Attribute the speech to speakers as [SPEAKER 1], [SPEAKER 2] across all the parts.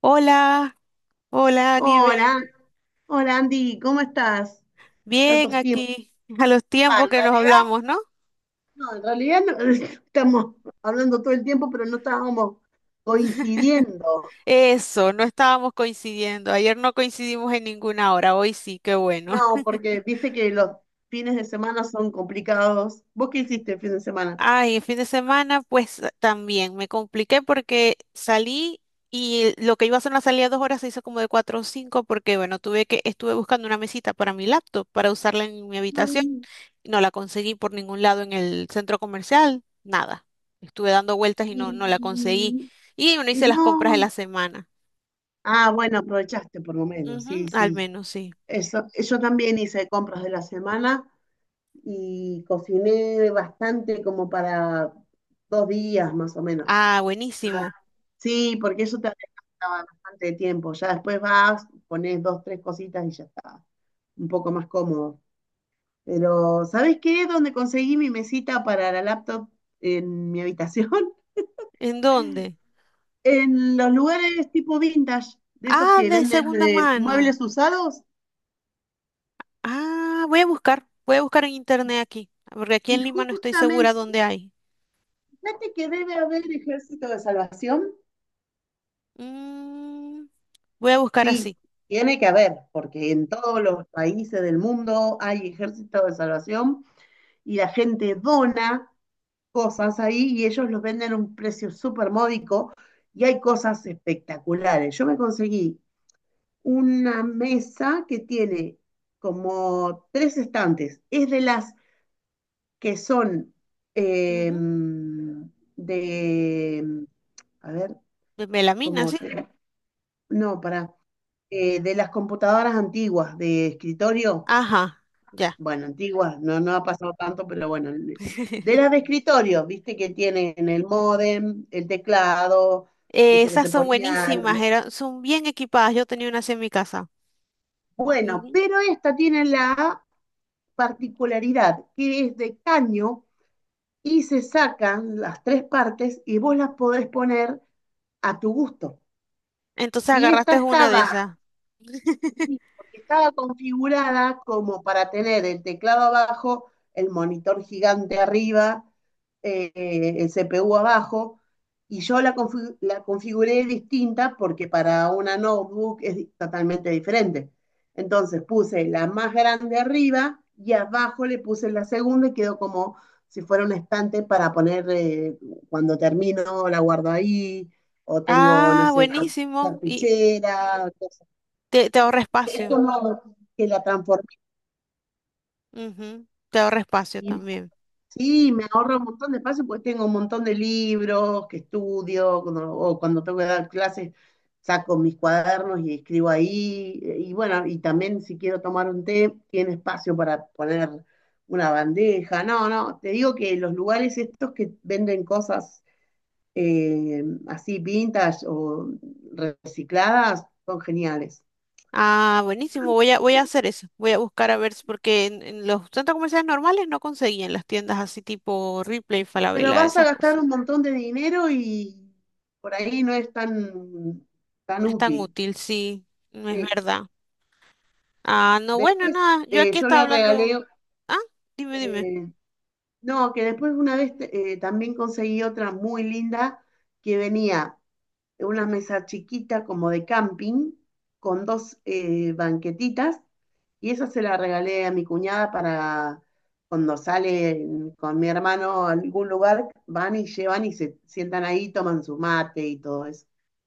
[SPEAKER 1] Hola, hola Nieve.
[SPEAKER 2] Hola, hola Andy, ¿cómo estás?
[SPEAKER 1] Bien
[SPEAKER 2] Tantos tiempos.
[SPEAKER 1] aquí, a los
[SPEAKER 2] Ah,
[SPEAKER 1] tiempos que nos hablamos, ¿no?
[SPEAKER 2] en realidad no, estamos hablando todo el tiempo, pero no estábamos coincidiendo.
[SPEAKER 1] Eso, no estábamos coincidiendo. Ayer no coincidimos en ninguna hora, hoy sí, qué bueno.
[SPEAKER 2] No, porque viste que los fines de semana son complicados. ¿Vos qué hiciste el fin de semana?
[SPEAKER 1] Ay, el fin de semana, pues también me compliqué porque salí y lo que iba a ser una salida de dos horas se hizo como de cuatro o cinco porque, bueno, estuve buscando una mesita para mi laptop, para usarla en mi habitación.
[SPEAKER 2] Ay,
[SPEAKER 1] No la conseguí por ningún lado en el centro comercial, nada. Estuve dando vueltas y no la conseguí.
[SPEAKER 2] y-
[SPEAKER 1] Y uno
[SPEAKER 2] y
[SPEAKER 1] hice las
[SPEAKER 2] no.
[SPEAKER 1] compras de la semana.
[SPEAKER 2] Ah, bueno, aprovechaste por lo menos,
[SPEAKER 1] Ujú,
[SPEAKER 2] sí,
[SPEAKER 1] al
[SPEAKER 2] sí.
[SPEAKER 1] menos sí.
[SPEAKER 2] Eso, yo también hice compras de la semana y cociné bastante como para 2 días más o menos.
[SPEAKER 1] Ah, buenísimo.
[SPEAKER 2] Sí, porque eso te gasta bastante tiempo. Ya después vas, pones dos, tres cositas y ya está. Un poco más cómodo. Pero, ¿sabes qué? Donde conseguí mi mesita para la laptop en mi habitación?
[SPEAKER 1] ¿En dónde?
[SPEAKER 2] En los lugares tipo vintage, de esos
[SPEAKER 1] Ah,
[SPEAKER 2] que
[SPEAKER 1] de
[SPEAKER 2] venden
[SPEAKER 1] segunda mano.
[SPEAKER 2] muebles usados.
[SPEAKER 1] Ah, voy a buscar en
[SPEAKER 2] Y,
[SPEAKER 1] internet aquí, porque aquí
[SPEAKER 2] y
[SPEAKER 1] en Lima no estoy segura
[SPEAKER 2] justamente,
[SPEAKER 1] dónde hay.
[SPEAKER 2] fíjate que debe haber ejército de salvación.
[SPEAKER 1] Mm, voy a buscar
[SPEAKER 2] Sí,
[SPEAKER 1] así.
[SPEAKER 2] tiene que haber, porque en todos los países del mundo hay ejército de salvación y la gente dona cosas ahí y ellos los venden a un precio súper módico y hay cosas espectaculares. Yo me conseguí una mesa que tiene como tres estantes. Es de las que son eh,
[SPEAKER 1] Ujú.
[SPEAKER 2] de, a ver,
[SPEAKER 1] De melamina,
[SPEAKER 2] ¿cómo?
[SPEAKER 1] sí.
[SPEAKER 2] No, para, de las computadoras antiguas de escritorio.
[SPEAKER 1] Ajá, ya.
[SPEAKER 2] Bueno, antigua, no, no ha pasado tanto, pero bueno, de las de escritorio, viste que tienen el módem, el teclado, viste que
[SPEAKER 1] Esas
[SPEAKER 2] se
[SPEAKER 1] son
[SPEAKER 2] ponía,
[SPEAKER 1] buenísimas, son bien equipadas. Yo tenía una así en mi casa.
[SPEAKER 2] bueno, pero esta tiene la particularidad que es de caño y se sacan las tres partes y vos las podés poner a tu gusto.
[SPEAKER 1] Entonces
[SPEAKER 2] Y esta
[SPEAKER 1] agarraste una de
[SPEAKER 2] estaba
[SPEAKER 1] esas.
[SPEAKER 2] Sí, porque estaba configurada como para tener el teclado abajo, el monitor gigante arriba, eh, el CPU abajo, y yo la configuré distinta porque para una notebook es totalmente diferente. Entonces puse la más grande arriba y abajo le puse la segunda y quedó como si fuera un estante para poner, cuando termino, la guardo ahí, o tengo, no
[SPEAKER 1] Ah,
[SPEAKER 2] sé,
[SPEAKER 1] buenísimo. Y
[SPEAKER 2] cartuchera,
[SPEAKER 1] te ahorra
[SPEAKER 2] es
[SPEAKER 1] espacio.
[SPEAKER 2] como que la transformé.
[SPEAKER 1] Ujú. Te ahorra espacio también.
[SPEAKER 2] Sí, me ahorra un montón de espacio porque tengo un montón de libros que estudio, o cuando tengo que dar clases, saco mis cuadernos y escribo ahí. Y bueno, y también si quiero tomar un té, tiene espacio para poner una bandeja. No, no, te digo que los lugares estos que venden cosas, así vintage o recicladas son geniales.
[SPEAKER 1] Ah, buenísimo. Voy a hacer eso. Voy a buscar a ver, si porque en los centros comerciales normales no conseguían las tiendas así tipo Ripley,
[SPEAKER 2] Pero
[SPEAKER 1] Falabella,
[SPEAKER 2] vas a
[SPEAKER 1] esas
[SPEAKER 2] gastar
[SPEAKER 1] cosas.
[SPEAKER 2] un montón de dinero y por ahí no es tan, tan
[SPEAKER 1] No es tan
[SPEAKER 2] útil.
[SPEAKER 1] útil, sí, no es
[SPEAKER 2] Sí.
[SPEAKER 1] verdad. Ah, no, bueno,
[SPEAKER 2] Después,
[SPEAKER 1] nada. Yo aquí
[SPEAKER 2] yo
[SPEAKER 1] estaba
[SPEAKER 2] le
[SPEAKER 1] hablando.
[SPEAKER 2] regalé,
[SPEAKER 1] Ah, dime, dime.
[SPEAKER 2] eh, no, que después una vez, también conseguí otra muy linda que venía en una mesa chiquita como de camping con dos, banquetitas, y esa se la regalé a mi cuñada para cuando sale con mi hermano a algún lugar, van y llevan y se sientan ahí, toman su mate y todo eso.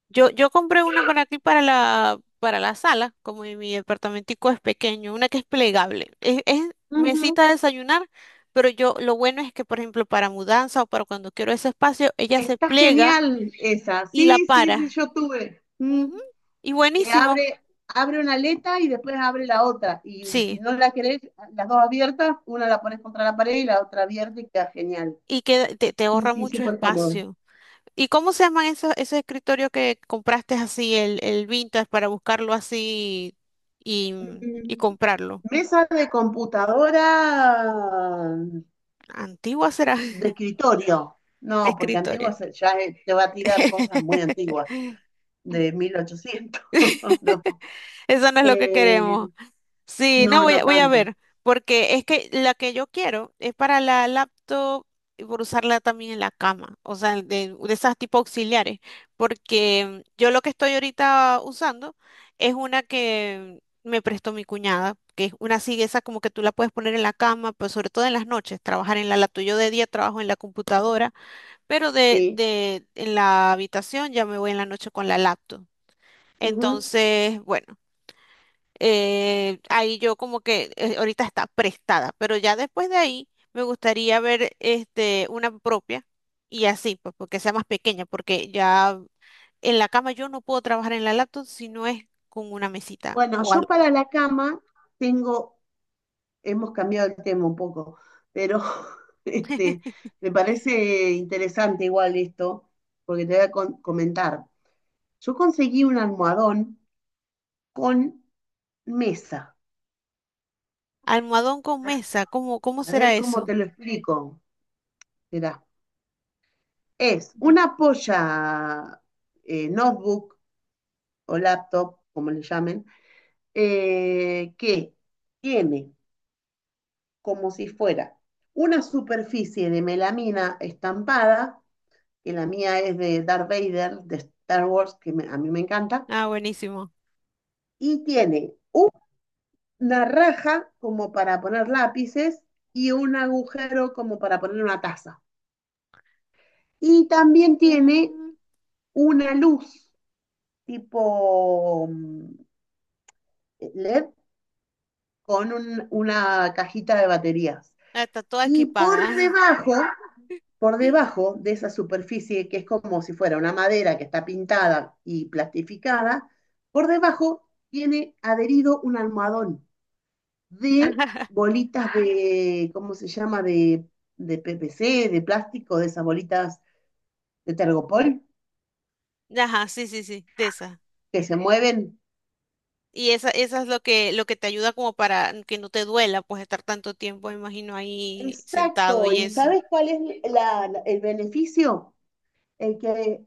[SPEAKER 1] Yo compré una para aquí, para la sala, como mi departamentico es pequeño, una que es plegable. Es
[SPEAKER 2] Ujú.
[SPEAKER 1] mesita de desayunar, pero yo lo bueno es que, por ejemplo, para mudanza o para cuando quiero ese espacio, ella se
[SPEAKER 2] Está
[SPEAKER 1] plega
[SPEAKER 2] genial esa.
[SPEAKER 1] y la
[SPEAKER 2] Sí, sí, sí,
[SPEAKER 1] para.
[SPEAKER 2] yo tuve. Mm.
[SPEAKER 1] Ujú. Y
[SPEAKER 2] Que
[SPEAKER 1] buenísimo,
[SPEAKER 2] abre una aleta y después abre la otra. Y si
[SPEAKER 1] sí.
[SPEAKER 2] no la querés las dos abiertas, una la pones contra la pared y la otra abierta y queda genial.
[SPEAKER 1] Y que te
[SPEAKER 2] Sí,
[SPEAKER 1] ahorra
[SPEAKER 2] sí,
[SPEAKER 1] mucho
[SPEAKER 2] súper cómodo.
[SPEAKER 1] espacio. ¿Y cómo se llaman esos escritorios que compraste así, el vintage, para buscarlo así y,
[SPEAKER 2] Mm.
[SPEAKER 1] y comprarlo?
[SPEAKER 2] Mesa de computadora
[SPEAKER 1] Antigua será
[SPEAKER 2] de
[SPEAKER 1] de
[SPEAKER 2] escritorio. No, porque
[SPEAKER 1] escritorio.
[SPEAKER 2] ya, te va a tirar cosas muy antiguas, de 1800. No.
[SPEAKER 1] Eso no es lo que
[SPEAKER 2] Eh,
[SPEAKER 1] queremos. Sí, no,
[SPEAKER 2] no, no
[SPEAKER 1] voy a
[SPEAKER 2] tanto.
[SPEAKER 1] ver, porque es que la que yo quiero es para la laptop y por usarla también en la cama, o sea, de esas tipo auxiliares, porque yo lo que estoy ahorita usando es una que me prestó mi cuñada, que es una así, esa como que tú la puedes poner en la cama, pero sobre todo en las noches, trabajar en la laptop. Yo de día trabajo en la computadora, pero
[SPEAKER 2] Sí.
[SPEAKER 1] en la habitación ya me voy en la noche con la laptop. Entonces, bueno, ahí yo como que ahorita está prestada, pero ya después de ahí me gustaría ver este, una propia y así, pues porque sea más pequeña, porque ya en la cama yo no puedo trabajar en la laptop si no es con una mesita
[SPEAKER 2] Bueno,
[SPEAKER 1] o
[SPEAKER 2] yo
[SPEAKER 1] algo.
[SPEAKER 2] para la cama tengo, hemos cambiado el tema un poco, pero este, me parece interesante igual esto, porque te voy a comentar. Yo conseguí un almohadón con mesa.
[SPEAKER 1] Almohadón con mesa, ¿cómo, cómo
[SPEAKER 2] A
[SPEAKER 1] será
[SPEAKER 2] ver cómo
[SPEAKER 1] eso?
[SPEAKER 2] te lo explico. Mirá, es
[SPEAKER 1] Ujú.
[SPEAKER 2] una polla, notebook o laptop, como le llamen, que tiene como si fuera una superficie de melamina estampada, que la mía es de Darth Vader, de Star Wars, que a mí me encanta,
[SPEAKER 1] Ah, buenísimo.
[SPEAKER 2] y tiene una raja como para poner lápices y un agujero como para poner una taza. Y también tiene
[SPEAKER 1] Mm,
[SPEAKER 2] una luz tipo, LED, con una cajita de baterías.
[SPEAKER 1] ah, está toda
[SPEAKER 2] Y por
[SPEAKER 1] equipada.
[SPEAKER 2] debajo por debajo de esa superficie, que es como si fuera una madera que está pintada y plastificada, por debajo tiene adherido un almohadón de bolitas de, ¿cómo se llama? De PPC, de plástico, de esas bolitas de tergopol
[SPEAKER 1] Ajá, sí, sí, sí, de esas.
[SPEAKER 2] que se mueven.
[SPEAKER 1] Y esa es lo que te ayuda como para que no te duela, pues estar tanto tiempo, me imagino, ahí sentado
[SPEAKER 2] Exacto,
[SPEAKER 1] y
[SPEAKER 2] ¿y
[SPEAKER 1] eso.
[SPEAKER 2] sabes cuál es el beneficio? El que,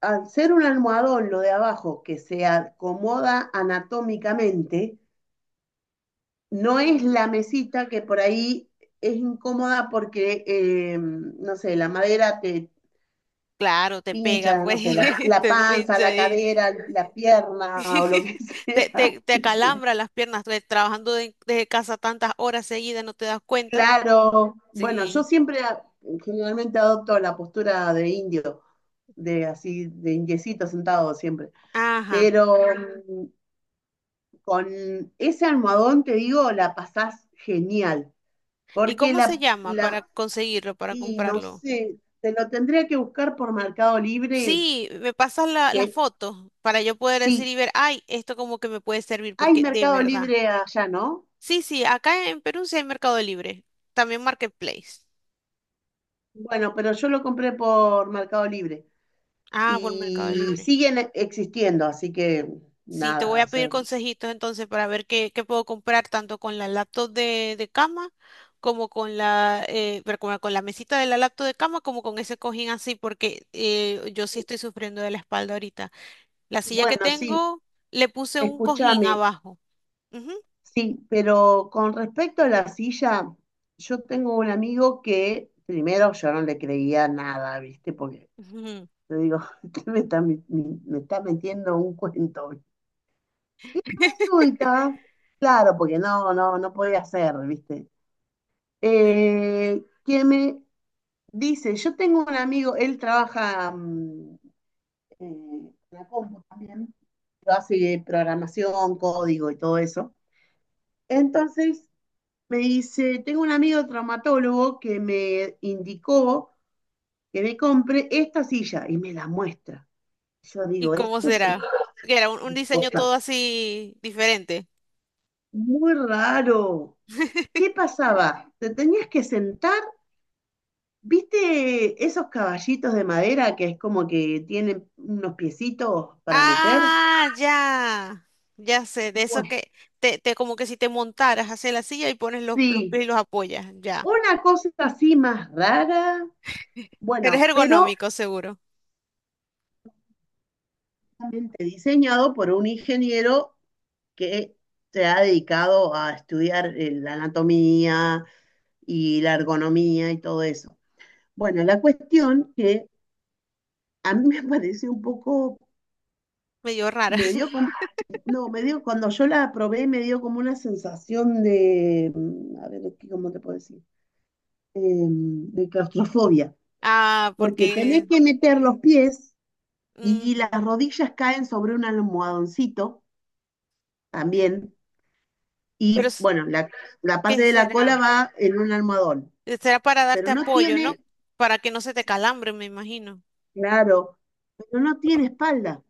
[SPEAKER 2] al ser un almohadón lo de abajo, que se acomoda anatómicamente, no es
[SPEAKER 1] Mm.
[SPEAKER 2] la mesita que por ahí es incómoda porque, no sé, la madera te
[SPEAKER 1] Claro, te pega,
[SPEAKER 2] pincha, no
[SPEAKER 1] pues,
[SPEAKER 2] sé, la, la
[SPEAKER 1] te
[SPEAKER 2] panza,
[SPEAKER 1] pincha
[SPEAKER 2] la
[SPEAKER 1] ahí.
[SPEAKER 2] cadera, la pierna o lo que sea.
[SPEAKER 1] Te acalambra las piernas, trabajando desde casa tantas horas seguidas, no te das cuenta.
[SPEAKER 2] Claro, bueno, yo
[SPEAKER 1] Sí.
[SPEAKER 2] siempre generalmente adopto la postura de indio, de así, de indiecito sentado siempre,
[SPEAKER 1] Ajá.
[SPEAKER 2] pero, mm, con ese almohadón, te digo, la pasás genial,
[SPEAKER 1] ¿Y
[SPEAKER 2] porque
[SPEAKER 1] cómo se
[SPEAKER 2] la,
[SPEAKER 1] llama para
[SPEAKER 2] la
[SPEAKER 1] conseguirlo, para
[SPEAKER 2] Y no
[SPEAKER 1] comprarlo?
[SPEAKER 2] sé, te lo tendría que buscar por Mercado Libre,
[SPEAKER 1] Sí, me pasas las
[SPEAKER 2] que
[SPEAKER 1] fotos para yo poder decir
[SPEAKER 2] sí,
[SPEAKER 1] y ver, ay, esto como que me puede servir,
[SPEAKER 2] hay
[SPEAKER 1] porque de
[SPEAKER 2] Mercado
[SPEAKER 1] verdad.
[SPEAKER 2] Libre allá, ¿no?
[SPEAKER 1] Sí, sí, acá en Perú sí hay Mercado Libre, también Marketplace.
[SPEAKER 2] Bueno, pero yo lo compré por Mercado Libre
[SPEAKER 1] Ah, por Mercado
[SPEAKER 2] y
[SPEAKER 1] Libre.
[SPEAKER 2] siguen existiendo, así que
[SPEAKER 1] Sí, te voy
[SPEAKER 2] nada,
[SPEAKER 1] a
[SPEAKER 2] o
[SPEAKER 1] pedir
[SPEAKER 2] sea,
[SPEAKER 1] consejitos entonces para ver qué, qué puedo comprar tanto con la laptop de cama como con la, pero como con la mesita de la laptop de cama como con ese cojín así porque yo sí estoy sufriendo de la espalda ahorita. La silla que
[SPEAKER 2] bueno, sí,
[SPEAKER 1] tengo le puse un cojín
[SPEAKER 2] escúchame,
[SPEAKER 1] abajo. Ujú,
[SPEAKER 2] sí, pero con respecto a la silla, yo tengo un amigo que primero yo no le creía nada, ¿viste? Porque
[SPEAKER 1] ujú.
[SPEAKER 2] yo digo, usted me está metiendo un cuento. Y resulta, claro, porque no, no, no podía ser, ¿viste? Que me dice, yo tengo un amigo, él trabaja, en la compu también, pero hace programación, código y todo eso. Entonces me dice, tengo un amigo traumatólogo que me indicó que me compre esta silla, y me la muestra. Yo
[SPEAKER 1] ¿Y
[SPEAKER 2] digo,
[SPEAKER 1] cómo
[SPEAKER 2] esto es una
[SPEAKER 1] será? Que era un diseño todo
[SPEAKER 2] cosa
[SPEAKER 1] así diferente.
[SPEAKER 2] muy raro. ¿Qué pasaba? ¿Te tenías que sentar? ¿Viste esos caballitos de madera que es como que tienen unos piecitos para meter?
[SPEAKER 1] Ah, ya. Ya sé, de esos
[SPEAKER 2] Pues
[SPEAKER 1] que te como que si te montaras, hacia la silla y pones los pies
[SPEAKER 2] sí,
[SPEAKER 1] y los apoyas, ya.
[SPEAKER 2] una cosa así más rara,
[SPEAKER 1] Pero es
[SPEAKER 2] bueno, pero
[SPEAKER 1] ergonómico, seguro.
[SPEAKER 2] realmente diseñado por un ingeniero que se ha dedicado a estudiar, la anatomía y la ergonomía y todo eso. Bueno, la cuestión que a mí me pareció un poco,
[SPEAKER 1] Medio rara.
[SPEAKER 2] me dio No, cuando yo la probé me dio como una sensación de, a ver, ¿cómo te puedo decir? De claustrofobia,
[SPEAKER 1] Ah,
[SPEAKER 2] porque tenés
[SPEAKER 1] porque...
[SPEAKER 2] que meter los pies, y las
[SPEAKER 1] ujú.
[SPEAKER 2] rodillas caen sobre un almohadoncito también,
[SPEAKER 1] Pero,
[SPEAKER 2] y
[SPEAKER 1] s-
[SPEAKER 2] bueno, la parte
[SPEAKER 1] ¿qué
[SPEAKER 2] de la cola
[SPEAKER 1] será?
[SPEAKER 2] va en un almohadón,
[SPEAKER 1] Será para
[SPEAKER 2] pero
[SPEAKER 1] darte
[SPEAKER 2] no
[SPEAKER 1] apoyo, ¿no?
[SPEAKER 2] tiene,
[SPEAKER 1] Para que no se te calambre, me imagino.
[SPEAKER 2] claro, pero no tiene espalda,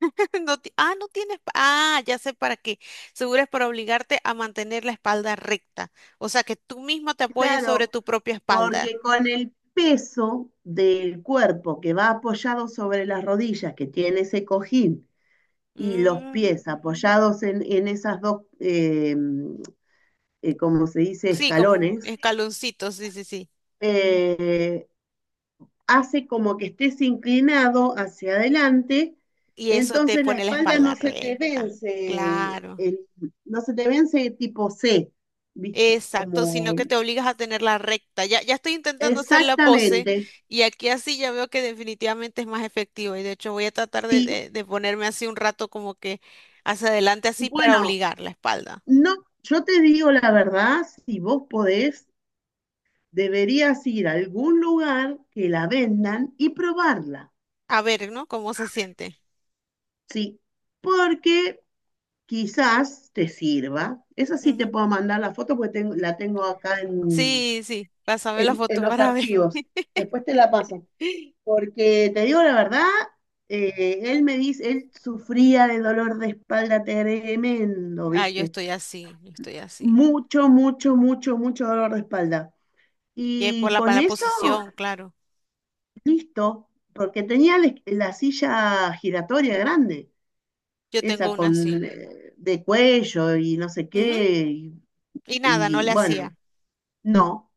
[SPEAKER 1] No ti- ah, no tienes... pa- Ah, ya sé para qué. Seguro es para obligarte a mantener la espalda recta. O sea, que tú mismo te apoyes sobre
[SPEAKER 2] claro,
[SPEAKER 1] tu propia espalda.
[SPEAKER 2] porque con el peso del cuerpo, que va apoyado sobre las rodillas, que tiene ese cojín, y los
[SPEAKER 1] Mm.
[SPEAKER 2] pies apoyados en esas dos, como se dice,
[SPEAKER 1] Sí, como
[SPEAKER 2] escalones,
[SPEAKER 1] escaloncitos, sí, sí, sí.
[SPEAKER 2] eh, hace como que estés inclinado hacia adelante,
[SPEAKER 1] Y eso te
[SPEAKER 2] entonces la
[SPEAKER 1] pone la
[SPEAKER 2] espalda no
[SPEAKER 1] espalda
[SPEAKER 2] se te
[SPEAKER 1] recta.
[SPEAKER 2] vence,
[SPEAKER 1] Claro.
[SPEAKER 2] no se te vence tipo C, ¿viste?
[SPEAKER 1] Exacto, sino
[SPEAKER 2] Como
[SPEAKER 1] que te obligas a tenerla recta. Ya estoy intentando hacer la pose
[SPEAKER 2] exactamente,
[SPEAKER 1] y aquí así ya veo que definitivamente es más efectivo. Y de hecho voy a tratar
[SPEAKER 2] sí,
[SPEAKER 1] de ponerme así un rato como que hacia adelante así para
[SPEAKER 2] bueno,
[SPEAKER 1] obligar la espalda.
[SPEAKER 2] no, yo te digo la verdad, si vos podés, deberías ir a algún lugar que la vendan y probarla.
[SPEAKER 1] A ver, ¿no? ¿Cómo se siente?
[SPEAKER 2] Sí, porque quizás te sirva. Esa sí te
[SPEAKER 1] Ujú.
[SPEAKER 2] puedo mandar la foto, porque la tengo acá en,
[SPEAKER 1] Sí, sí. Pásame la
[SPEAKER 2] en
[SPEAKER 1] foto
[SPEAKER 2] los
[SPEAKER 1] para ver.
[SPEAKER 2] archivos. Después te la paso. Porque te digo la verdad, él me dice, él sufría de dolor de espalda tremendo,
[SPEAKER 1] Ah, yo
[SPEAKER 2] ¿viste?
[SPEAKER 1] estoy así, yo estoy así.
[SPEAKER 2] Mucho, mucho, mucho, mucho dolor de espalda.
[SPEAKER 1] Y es
[SPEAKER 2] Y
[SPEAKER 1] por
[SPEAKER 2] con
[SPEAKER 1] para la
[SPEAKER 2] eso,
[SPEAKER 1] posición, claro.
[SPEAKER 2] listo, porque tenía la silla giratoria grande.
[SPEAKER 1] Yo tengo
[SPEAKER 2] Esa
[SPEAKER 1] una así.
[SPEAKER 2] con, de cuello y no sé
[SPEAKER 1] Ujú.
[SPEAKER 2] qué,
[SPEAKER 1] Y nada, no le hacía.
[SPEAKER 2] bueno, no,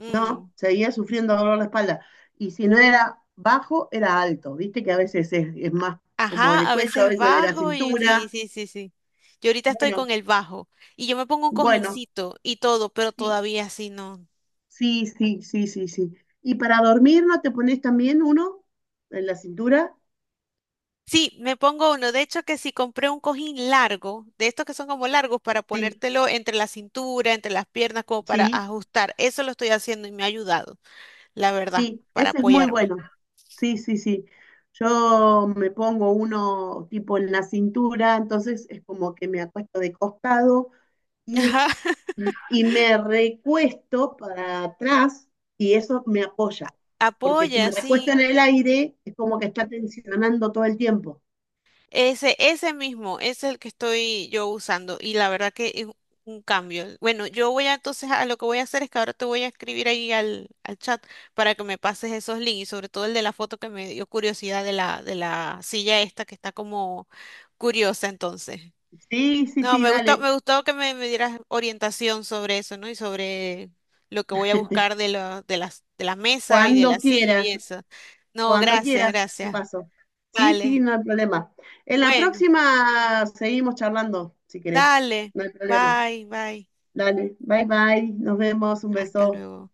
[SPEAKER 1] Mm.
[SPEAKER 2] no, seguía sufriendo dolor de espalda. Y si no era bajo, era alto, viste que a veces es más como
[SPEAKER 1] Ajá,
[SPEAKER 2] el
[SPEAKER 1] a
[SPEAKER 2] cuello, a
[SPEAKER 1] veces
[SPEAKER 2] veces de la
[SPEAKER 1] bajo y sí,
[SPEAKER 2] cintura.
[SPEAKER 1] sí, sí, sí. Yo ahorita estoy
[SPEAKER 2] Bueno,
[SPEAKER 1] con el bajo y yo me pongo un
[SPEAKER 2] bueno,
[SPEAKER 1] cojincito y todo, pero
[SPEAKER 2] sí,
[SPEAKER 1] todavía así no.
[SPEAKER 2] sí, sí, sí, sí, sí. ¿Y para dormir no te pones también uno en la cintura?
[SPEAKER 1] Sí, me pongo uno. De hecho, que si compré un cojín largo, de estos que son como largos para
[SPEAKER 2] Sí,
[SPEAKER 1] ponértelo entre la cintura, entre las piernas, como para
[SPEAKER 2] sí.
[SPEAKER 1] ajustar. Eso lo estoy haciendo y me ha ayudado, la verdad,
[SPEAKER 2] Sí,
[SPEAKER 1] para
[SPEAKER 2] ese es muy
[SPEAKER 1] apoyarme.
[SPEAKER 2] bueno. Sí, sí, sí. Yo me pongo uno tipo en la cintura, entonces es como que me acuesto de costado y,
[SPEAKER 1] Ajá,
[SPEAKER 2] me recuesto para atrás, y eso me apoya. Porque si
[SPEAKER 1] apoya,
[SPEAKER 2] me recuesto
[SPEAKER 1] sí.
[SPEAKER 2] en el aire, es como que está tensionando todo el tiempo.
[SPEAKER 1] Ese mismo, es el que estoy yo usando y la verdad que es un cambio. Bueno, yo voy a entonces a lo que voy a hacer es que ahora te voy a escribir ahí al chat para que me pases esos links y sobre todo el de la foto que me dio curiosidad de de la silla esta que está como curiosa entonces.
[SPEAKER 2] Sí, sí,
[SPEAKER 1] No,
[SPEAKER 2] sí, dale.
[SPEAKER 1] me gustó que me dieras orientación sobre eso, ¿no? Y sobre lo que voy a buscar de de la mesa y de
[SPEAKER 2] Cuando
[SPEAKER 1] la silla y
[SPEAKER 2] quieras,
[SPEAKER 1] eso. No,
[SPEAKER 2] cuando
[SPEAKER 1] gracias,
[SPEAKER 2] quieras, te
[SPEAKER 1] gracias.
[SPEAKER 2] paso. Sí, sí,
[SPEAKER 1] Vale.
[SPEAKER 2] no hay problema. En la
[SPEAKER 1] Bueno.
[SPEAKER 2] próxima seguimos charlando, si querés.
[SPEAKER 1] Dale,
[SPEAKER 2] No hay problema.
[SPEAKER 1] bye, bye.
[SPEAKER 2] Dale, bye bye, nos vemos, un
[SPEAKER 1] Hasta
[SPEAKER 2] beso.
[SPEAKER 1] luego.